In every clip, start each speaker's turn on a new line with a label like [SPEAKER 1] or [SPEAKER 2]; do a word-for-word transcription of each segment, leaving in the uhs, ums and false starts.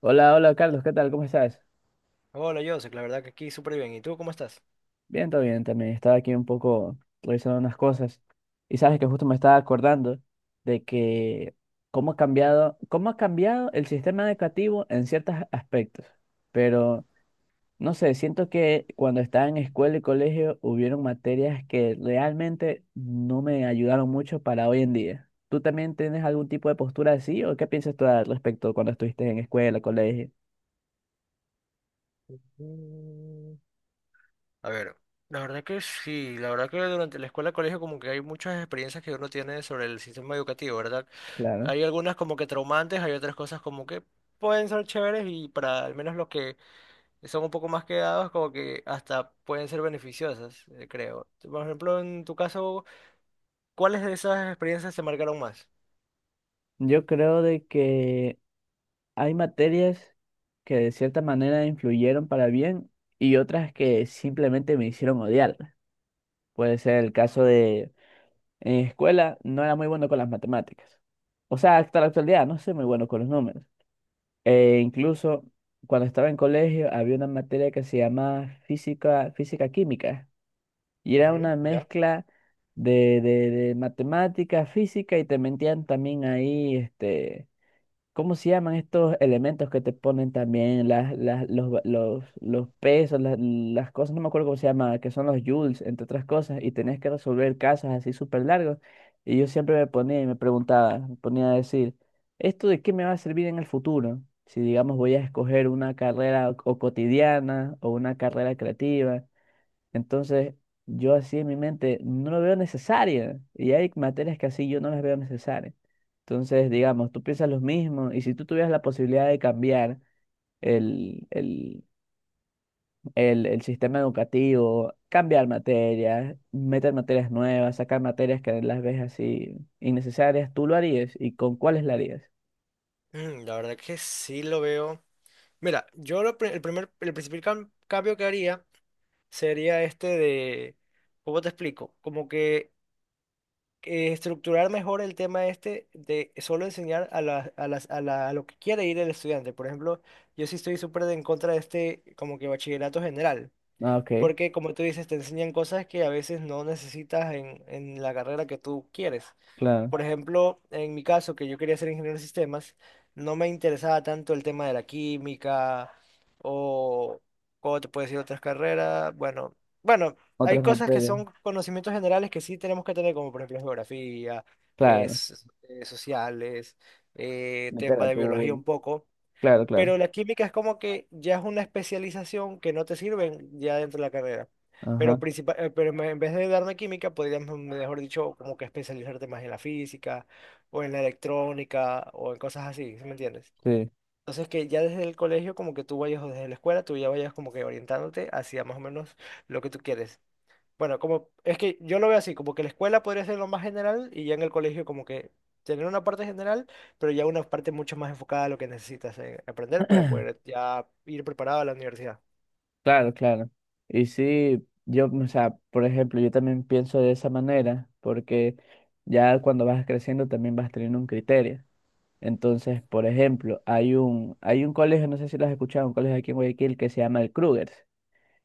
[SPEAKER 1] Hola, hola Carlos, ¿qué tal? ¿Cómo estás?
[SPEAKER 2] Hola, Joseph, la verdad que aquí súper bien. ¿Y tú cómo estás?
[SPEAKER 1] Bien, todo bien también. Estaba aquí un poco revisando unas cosas y sabes que justo me estaba acordando de que cómo ha cambiado, cómo ha cambiado el sistema educativo en ciertos aspectos. Pero no sé, siento que cuando estaba en escuela y colegio hubieron materias que realmente no me ayudaron mucho para hoy en día. ¿Tú también tienes algún tipo de postura así o qué piensas tú al respecto cuando estuviste en escuela, colegio?
[SPEAKER 2] Mm, A ver, la verdad que sí, la verdad que durante la escuela, colegio, como que hay muchas experiencias que uno tiene sobre el sistema educativo, ¿verdad?
[SPEAKER 1] Claro.
[SPEAKER 2] Hay algunas como que traumantes, hay otras cosas como que pueden ser chéveres y para al menos los que son un poco más quedados, como que hasta pueden ser beneficiosas, eh, creo. Por ejemplo, en tu caso, ¿cuáles de esas experiencias te marcaron más?
[SPEAKER 1] Yo creo de que hay materias que de cierta manera influyeron para bien y otras que simplemente me hicieron odiarlas. Puede ser el caso de en escuela no era muy bueno con las matemáticas. O sea, hasta la actualidad no soy muy bueno con los números. E incluso cuando estaba en colegio había una materia que se llamaba física, física química y era
[SPEAKER 2] Ujú,
[SPEAKER 1] una
[SPEAKER 2] ya.
[SPEAKER 1] mezcla de, de, de matemática, física y te mentían también ahí este ¿Cómo se llaman estos elementos que te ponen también las, las, los, va- los, los pesos, las, las cosas? No me acuerdo cómo se llama, que son los joules, entre otras cosas, y tenés que resolver casos así súper largos. Y yo siempre me ponía y me preguntaba, me ponía a decir, ¿esto de qué me va a servir en el futuro? Si, digamos, voy a escoger una carrera o o cotidiana o una carrera creativa. Entonces, yo así en mi mente no lo veo necesaria y hay materias que así yo no las veo necesarias. Entonces, digamos, tú piensas lo mismo y si tú tuvieras la posibilidad de cambiar el, el, el, el sistema educativo, cambiar materias, meter materias nuevas, sacar materias que las ves así innecesarias, ¿tú lo harías? ¿Y con cuáles lo harías?
[SPEAKER 2] Mm, la verdad que sí lo veo. Mira, yo lo pri- el primer, el principal cam- cambio que haría sería este de, ¿cómo te explico? Como que eh, estructurar mejor el tema este de solo enseñar a la- a las, a la- a lo que quiere ir el estudiante. Por ejemplo, yo sí estoy súper en contra de este como que bachillerato general,
[SPEAKER 1] Ah, ok,
[SPEAKER 2] porque como tú dices, te enseñan cosas que a veces no necesitas en, en la carrera que tú quieres.
[SPEAKER 1] claro.
[SPEAKER 2] Por ejemplo, en mi caso, que yo quería ser ingeniero de sistemas, no me interesaba tanto el tema de la química o cómo te puedes decir otras carreras. Bueno, bueno, hay
[SPEAKER 1] Otras
[SPEAKER 2] cosas que
[SPEAKER 1] materias,
[SPEAKER 2] son conocimientos generales que sí tenemos que tener, como por ejemplo geografía, eh,
[SPEAKER 1] claro.
[SPEAKER 2] s- eh, sociales, eh, tema de biología
[SPEAKER 1] Literatura,
[SPEAKER 2] un poco.
[SPEAKER 1] claro, claro.
[SPEAKER 2] Pero la química es como que ya es una especialización que no te sirven ya dentro de la carrera.
[SPEAKER 1] Ajá,
[SPEAKER 2] Pero, principal, eh, pero en vez de darme química, podrías, mm, mejor dicho, como que especializarte más en la física o en la electrónica o en cosas así, ¿sí me entiendes?
[SPEAKER 1] sí.
[SPEAKER 2] Entonces que ya desde el colegio, como que tú vayas o desde la escuela, tú ya vayas como que orientándote hacia más o menos lo que tú quieres. Bueno, como es que yo lo veo así, como que la escuela podría ser lo más general y ya en el colegio como que tener una parte general, pero ya una parte mucho más enfocada a lo que necesitas eh, aprender para poder ya ir preparado a la universidad.
[SPEAKER 1] Claro, claro. Y sí, yo, o sea, por ejemplo, yo también pienso de esa manera, porque ya cuando vas creciendo también vas teniendo un criterio. Entonces, por ejemplo, hay un, hay un colegio, no sé si lo has escuchado, un colegio aquí en Guayaquil que se llama el Krugers.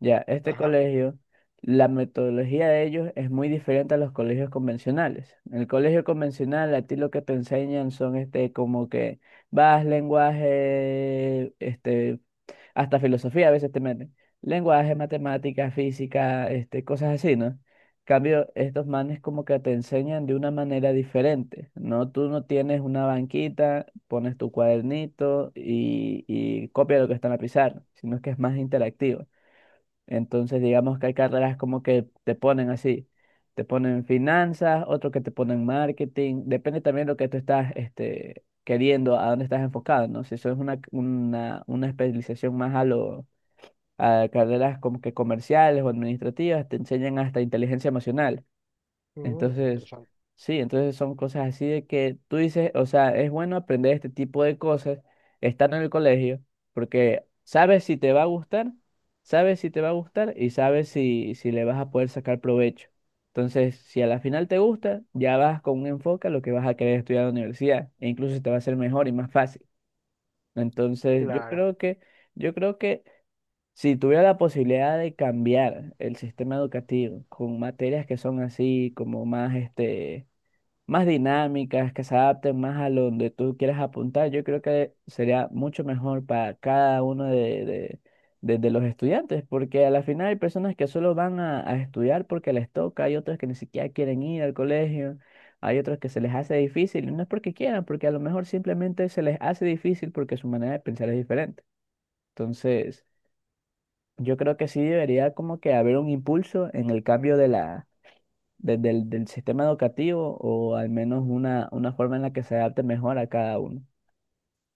[SPEAKER 1] Ya, este
[SPEAKER 2] Ajá.
[SPEAKER 1] colegio, la metodología de ellos es muy diferente a los colegios convencionales. En el colegio convencional, a ti lo que te enseñan son este, como que vas, lenguaje, este, hasta filosofía a veces te meten. Lenguaje, matemáticas física, este, cosas así, ¿no? Cambio, estos manes como que te enseñan de una manera diferente, ¿no? Tú no tienes una banquita, pones tu cuadernito y, y copia lo que está en la pizarra, sino que es más interactivo. Entonces, digamos que hay carreras como que te ponen así, te ponen finanzas, otro que te ponen marketing, depende también de lo que tú estás este, queriendo, a dónde estás enfocado, ¿no? Si eso es una, una, una especialización más a lo, a carreras como que comerciales o administrativas, te enseñan hasta inteligencia emocional.
[SPEAKER 2] Mm,
[SPEAKER 1] Entonces,
[SPEAKER 2] interesante.
[SPEAKER 1] sí, entonces son cosas así de que tú dices, o sea, es bueno aprender este tipo de cosas, estar en el colegio, porque sabes si te va a gustar, sabes si te va a gustar y sabes si, si le vas a poder sacar provecho. Entonces, si a la final te gusta, ya vas con un enfoque a lo que vas a querer estudiar en la universidad, e incluso te va a ser mejor y más fácil. Entonces, yo
[SPEAKER 2] Claro.
[SPEAKER 1] creo que, yo creo que si tuviera la posibilidad de cambiar el sistema educativo con materias que son así, como más, este, más dinámicas, que se adapten más a lo donde tú quieras apuntar, yo creo que sería mucho mejor para cada uno de, de- de- de los estudiantes, porque a la final hay personas que solo van a, a estudiar porque les toca, hay otros que ni siquiera quieren ir al colegio, hay otros que se les hace difícil, y no es porque quieran, porque a lo mejor simplemente se les hace difícil porque su manera de pensar es diferente. Entonces, yo creo que sí debería como que haber un impulso en el cambio de la, de- del, del sistema educativo o al menos una, una forma en la que se adapte mejor a cada uno.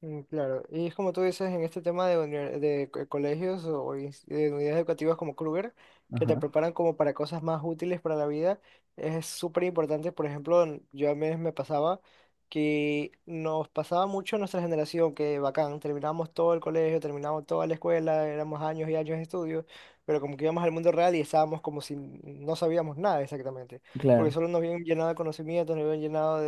[SPEAKER 2] Mm, claro, y es como tú dices en este tema de, uni- de co- colegios o o ins- de unidades educativas como Kruger, que te
[SPEAKER 1] Ajá,
[SPEAKER 2] preparan como para cosas más útiles para la vida, es súper importante. Por ejemplo, en- yo a mí me pasaba, que nos pasaba mucho en nuestra generación, que bacán, terminamos todo el colegio, terminamos toda la escuela, éramos años y años de estudio, pero como que íbamos al mundo real y estábamos como si no sabíamos nada exactamente, porque
[SPEAKER 1] claro,
[SPEAKER 2] solo nos habían llenado de conocimientos, nos habían llenado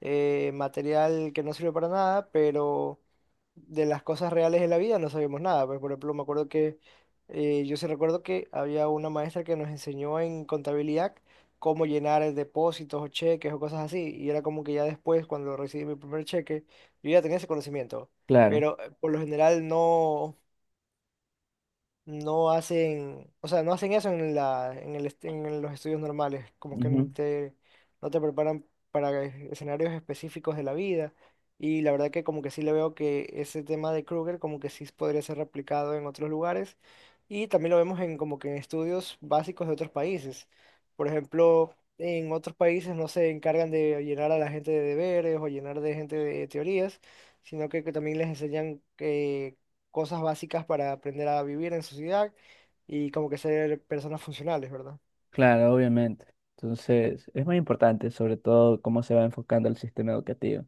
[SPEAKER 2] eh, material que no sirve para nada, pero de las cosas reales de la vida no sabemos nada. Pues, por ejemplo, me acuerdo que eh, yo sí recuerdo que había una maestra que nos enseñó en contabilidad cómo llenar eh, depósitos o cheques o cosas así, y era como que ya después, cuando recibí mi primer cheque, yo ya tenía ese conocimiento,
[SPEAKER 1] claro,
[SPEAKER 2] pero eh, por lo general no no hacen, o sea, no hacen eso en la, en el, est- en los estudios normales, como que no
[SPEAKER 1] ujú,
[SPEAKER 2] te, no te preparan para e- escenarios específicos de la vida. Y la verdad que como que sí le veo que ese tema de Kruger como que sí podría ser replicado en otros lugares. Y también lo vemos en como que en estudios básicos de otros países. Por ejemplo, en otros países no se encargan de llenar a la gente de deberes o llenar de gente de teorías, sino que, que también les enseñan cosas básicas para aprender a vivir en sociedad y como que ser personas funcionales, ¿verdad?
[SPEAKER 1] claro, obviamente. Entonces, es muy importante sobre todo cómo se va enfocando el sistema educativo,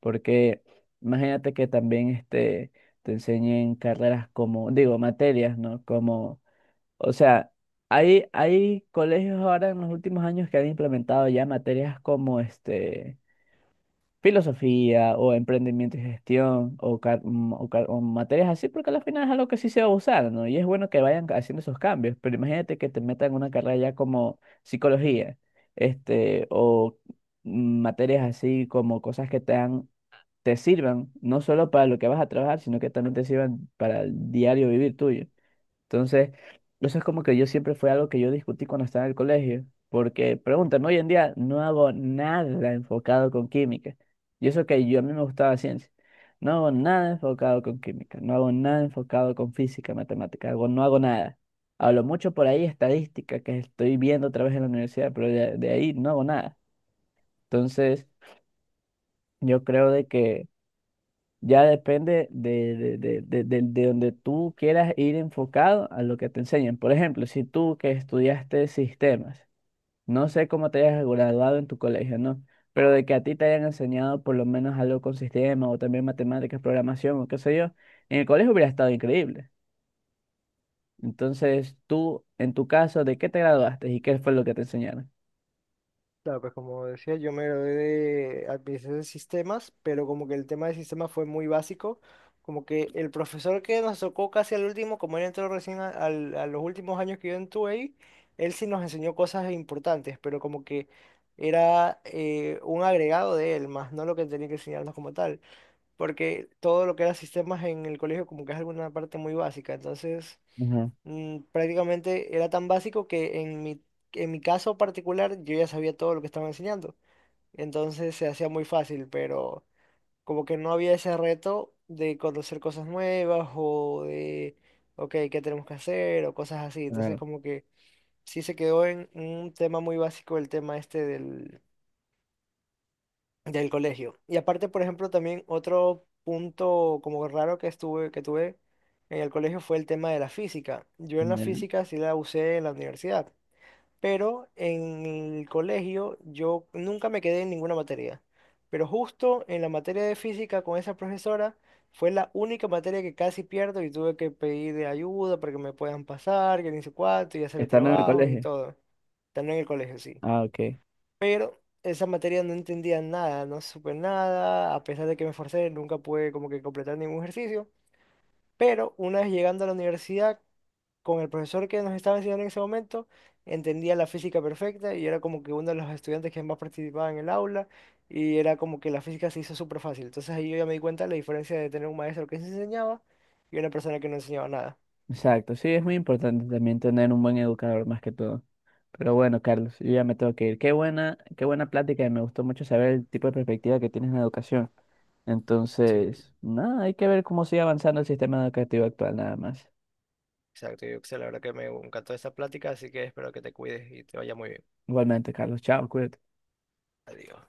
[SPEAKER 1] porque imagínate que también este, te enseñen carreras como, digo, materias, ¿no? Como o sea, hay, hay colegios ahora en los últimos años que han implementado ya materias como este, filosofía o emprendimiento y gestión o, car- mm, o car- o materias así, porque al final es algo que sí se va a usar, ¿no? Y es bueno que vayan haciendo esos cambios, pero imagínate que te metan en una carrera ya como psicología, este, o mm, materias así como cosas que te dan, te sirvan, no solo para lo que vas a trabajar, sino que también te sirvan para el diario vivir tuyo. Entonces, eso es como que yo siempre fue algo que yo discutí cuando estaba en el colegio, porque pregúntame,
[SPEAKER 2] Ujú.
[SPEAKER 1] hoy en día no hago nada enfocado con química. Y eso que yo a mí me gustaba ciencia. No hago nada enfocado con química, no hago nada enfocado con física, matemática, hago- no hago nada. Hablo mucho por ahí estadística que estoy viendo otra vez en la universidad, pero de, de ahí no hago nada. Entonces, yo creo de que ya depende de, de, de, de, de- de donde tú quieras ir enfocado a lo que te enseñan. Por ejemplo, si tú que estudiaste sistemas, no sé cómo te hayas graduado en tu colegio, ¿no? Pero de que a ti te hayan enseñado por lo menos algo con sistemas o también matemáticas, programación o qué sé yo, en el colegio hubiera estado increíble. Entonces, tú, en tu caso, ¿de qué te graduaste y qué fue lo que te enseñaron?
[SPEAKER 2] Claro, pues como decía, yo me gradué de administración de sistemas, pero como que el tema de sistemas fue muy básico, como que el profesor que nos tocó casi al último, como él entró recién a, al- a los últimos años que yo estuve ahí, él sí nos enseñó cosas importantes, pero como que era eh, un agregado de él, más no lo que tenía que enseñarnos como tal, porque todo lo que era sistemas en el colegio como que es alguna parte muy básica. Entonces
[SPEAKER 1] Ujú,
[SPEAKER 2] mm, prácticamente era tan básico que en mi, en mi caso particular yo ya sabía todo lo que estaban enseñando, entonces se hacía muy fácil, pero como que no había ese reto de conocer cosas nuevas o de, ok, ¿qué tenemos que hacer? O cosas así, entonces
[SPEAKER 1] claro,
[SPEAKER 2] como que sí se quedó en un tema muy básico el tema este del del colegio. Y aparte, por ejemplo, también otro punto como raro que estuve, que tuve en el colegio fue el tema de la física. Yo en la
[SPEAKER 1] ya.
[SPEAKER 2] física sí la usé en la universidad, pero en el colegio yo nunca me quedé en ninguna materia. Pero justo en la materia de física con esa profesora fue la única materia que casi pierdo y tuve que pedir de ayuda para que me puedan pasar, que ni sé cuánto, y hacer
[SPEAKER 1] Estando en el
[SPEAKER 2] trabajos y
[SPEAKER 1] colegio.
[SPEAKER 2] todo. También en el colegio, sí,
[SPEAKER 1] Ah, ok.
[SPEAKER 2] pero esa materia no entendía nada, no supe nada, a pesar de que me esforcé, nunca pude como que completar ningún ejercicio, pero una vez llegando a la universidad, con el profesor que nos estaba enseñando en ese momento, entendía la física perfecta y era como que uno de los estudiantes que más participaba en el aula, y era como que la física se hizo súper fácil. Entonces ahí yo ya me di cuenta de la diferencia de tener un maestro que se enseñaba y una persona que no enseñaba nada.
[SPEAKER 1] Exacto. Sí, es muy importante también tener un buen educador más que todo. Pero bueno, Carlos, yo ya me tengo que ir. Qué buena, qué buena plática y me gustó mucho saber el tipo de perspectiva que tienes en la educación.
[SPEAKER 2] Sí,
[SPEAKER 1] Entonces, nada, hay que ver cómo sigue avanzando el sistema educativo actual, nada más.
[SPEAKER 2] exacto, yo la verdad que me encantó esta plática, así que espero que te cuides y te vaya muy bien.
[SPEAKER 1] Igualmente, Carlos, chao, cuídate.
[SPEAKER 2] Adiós.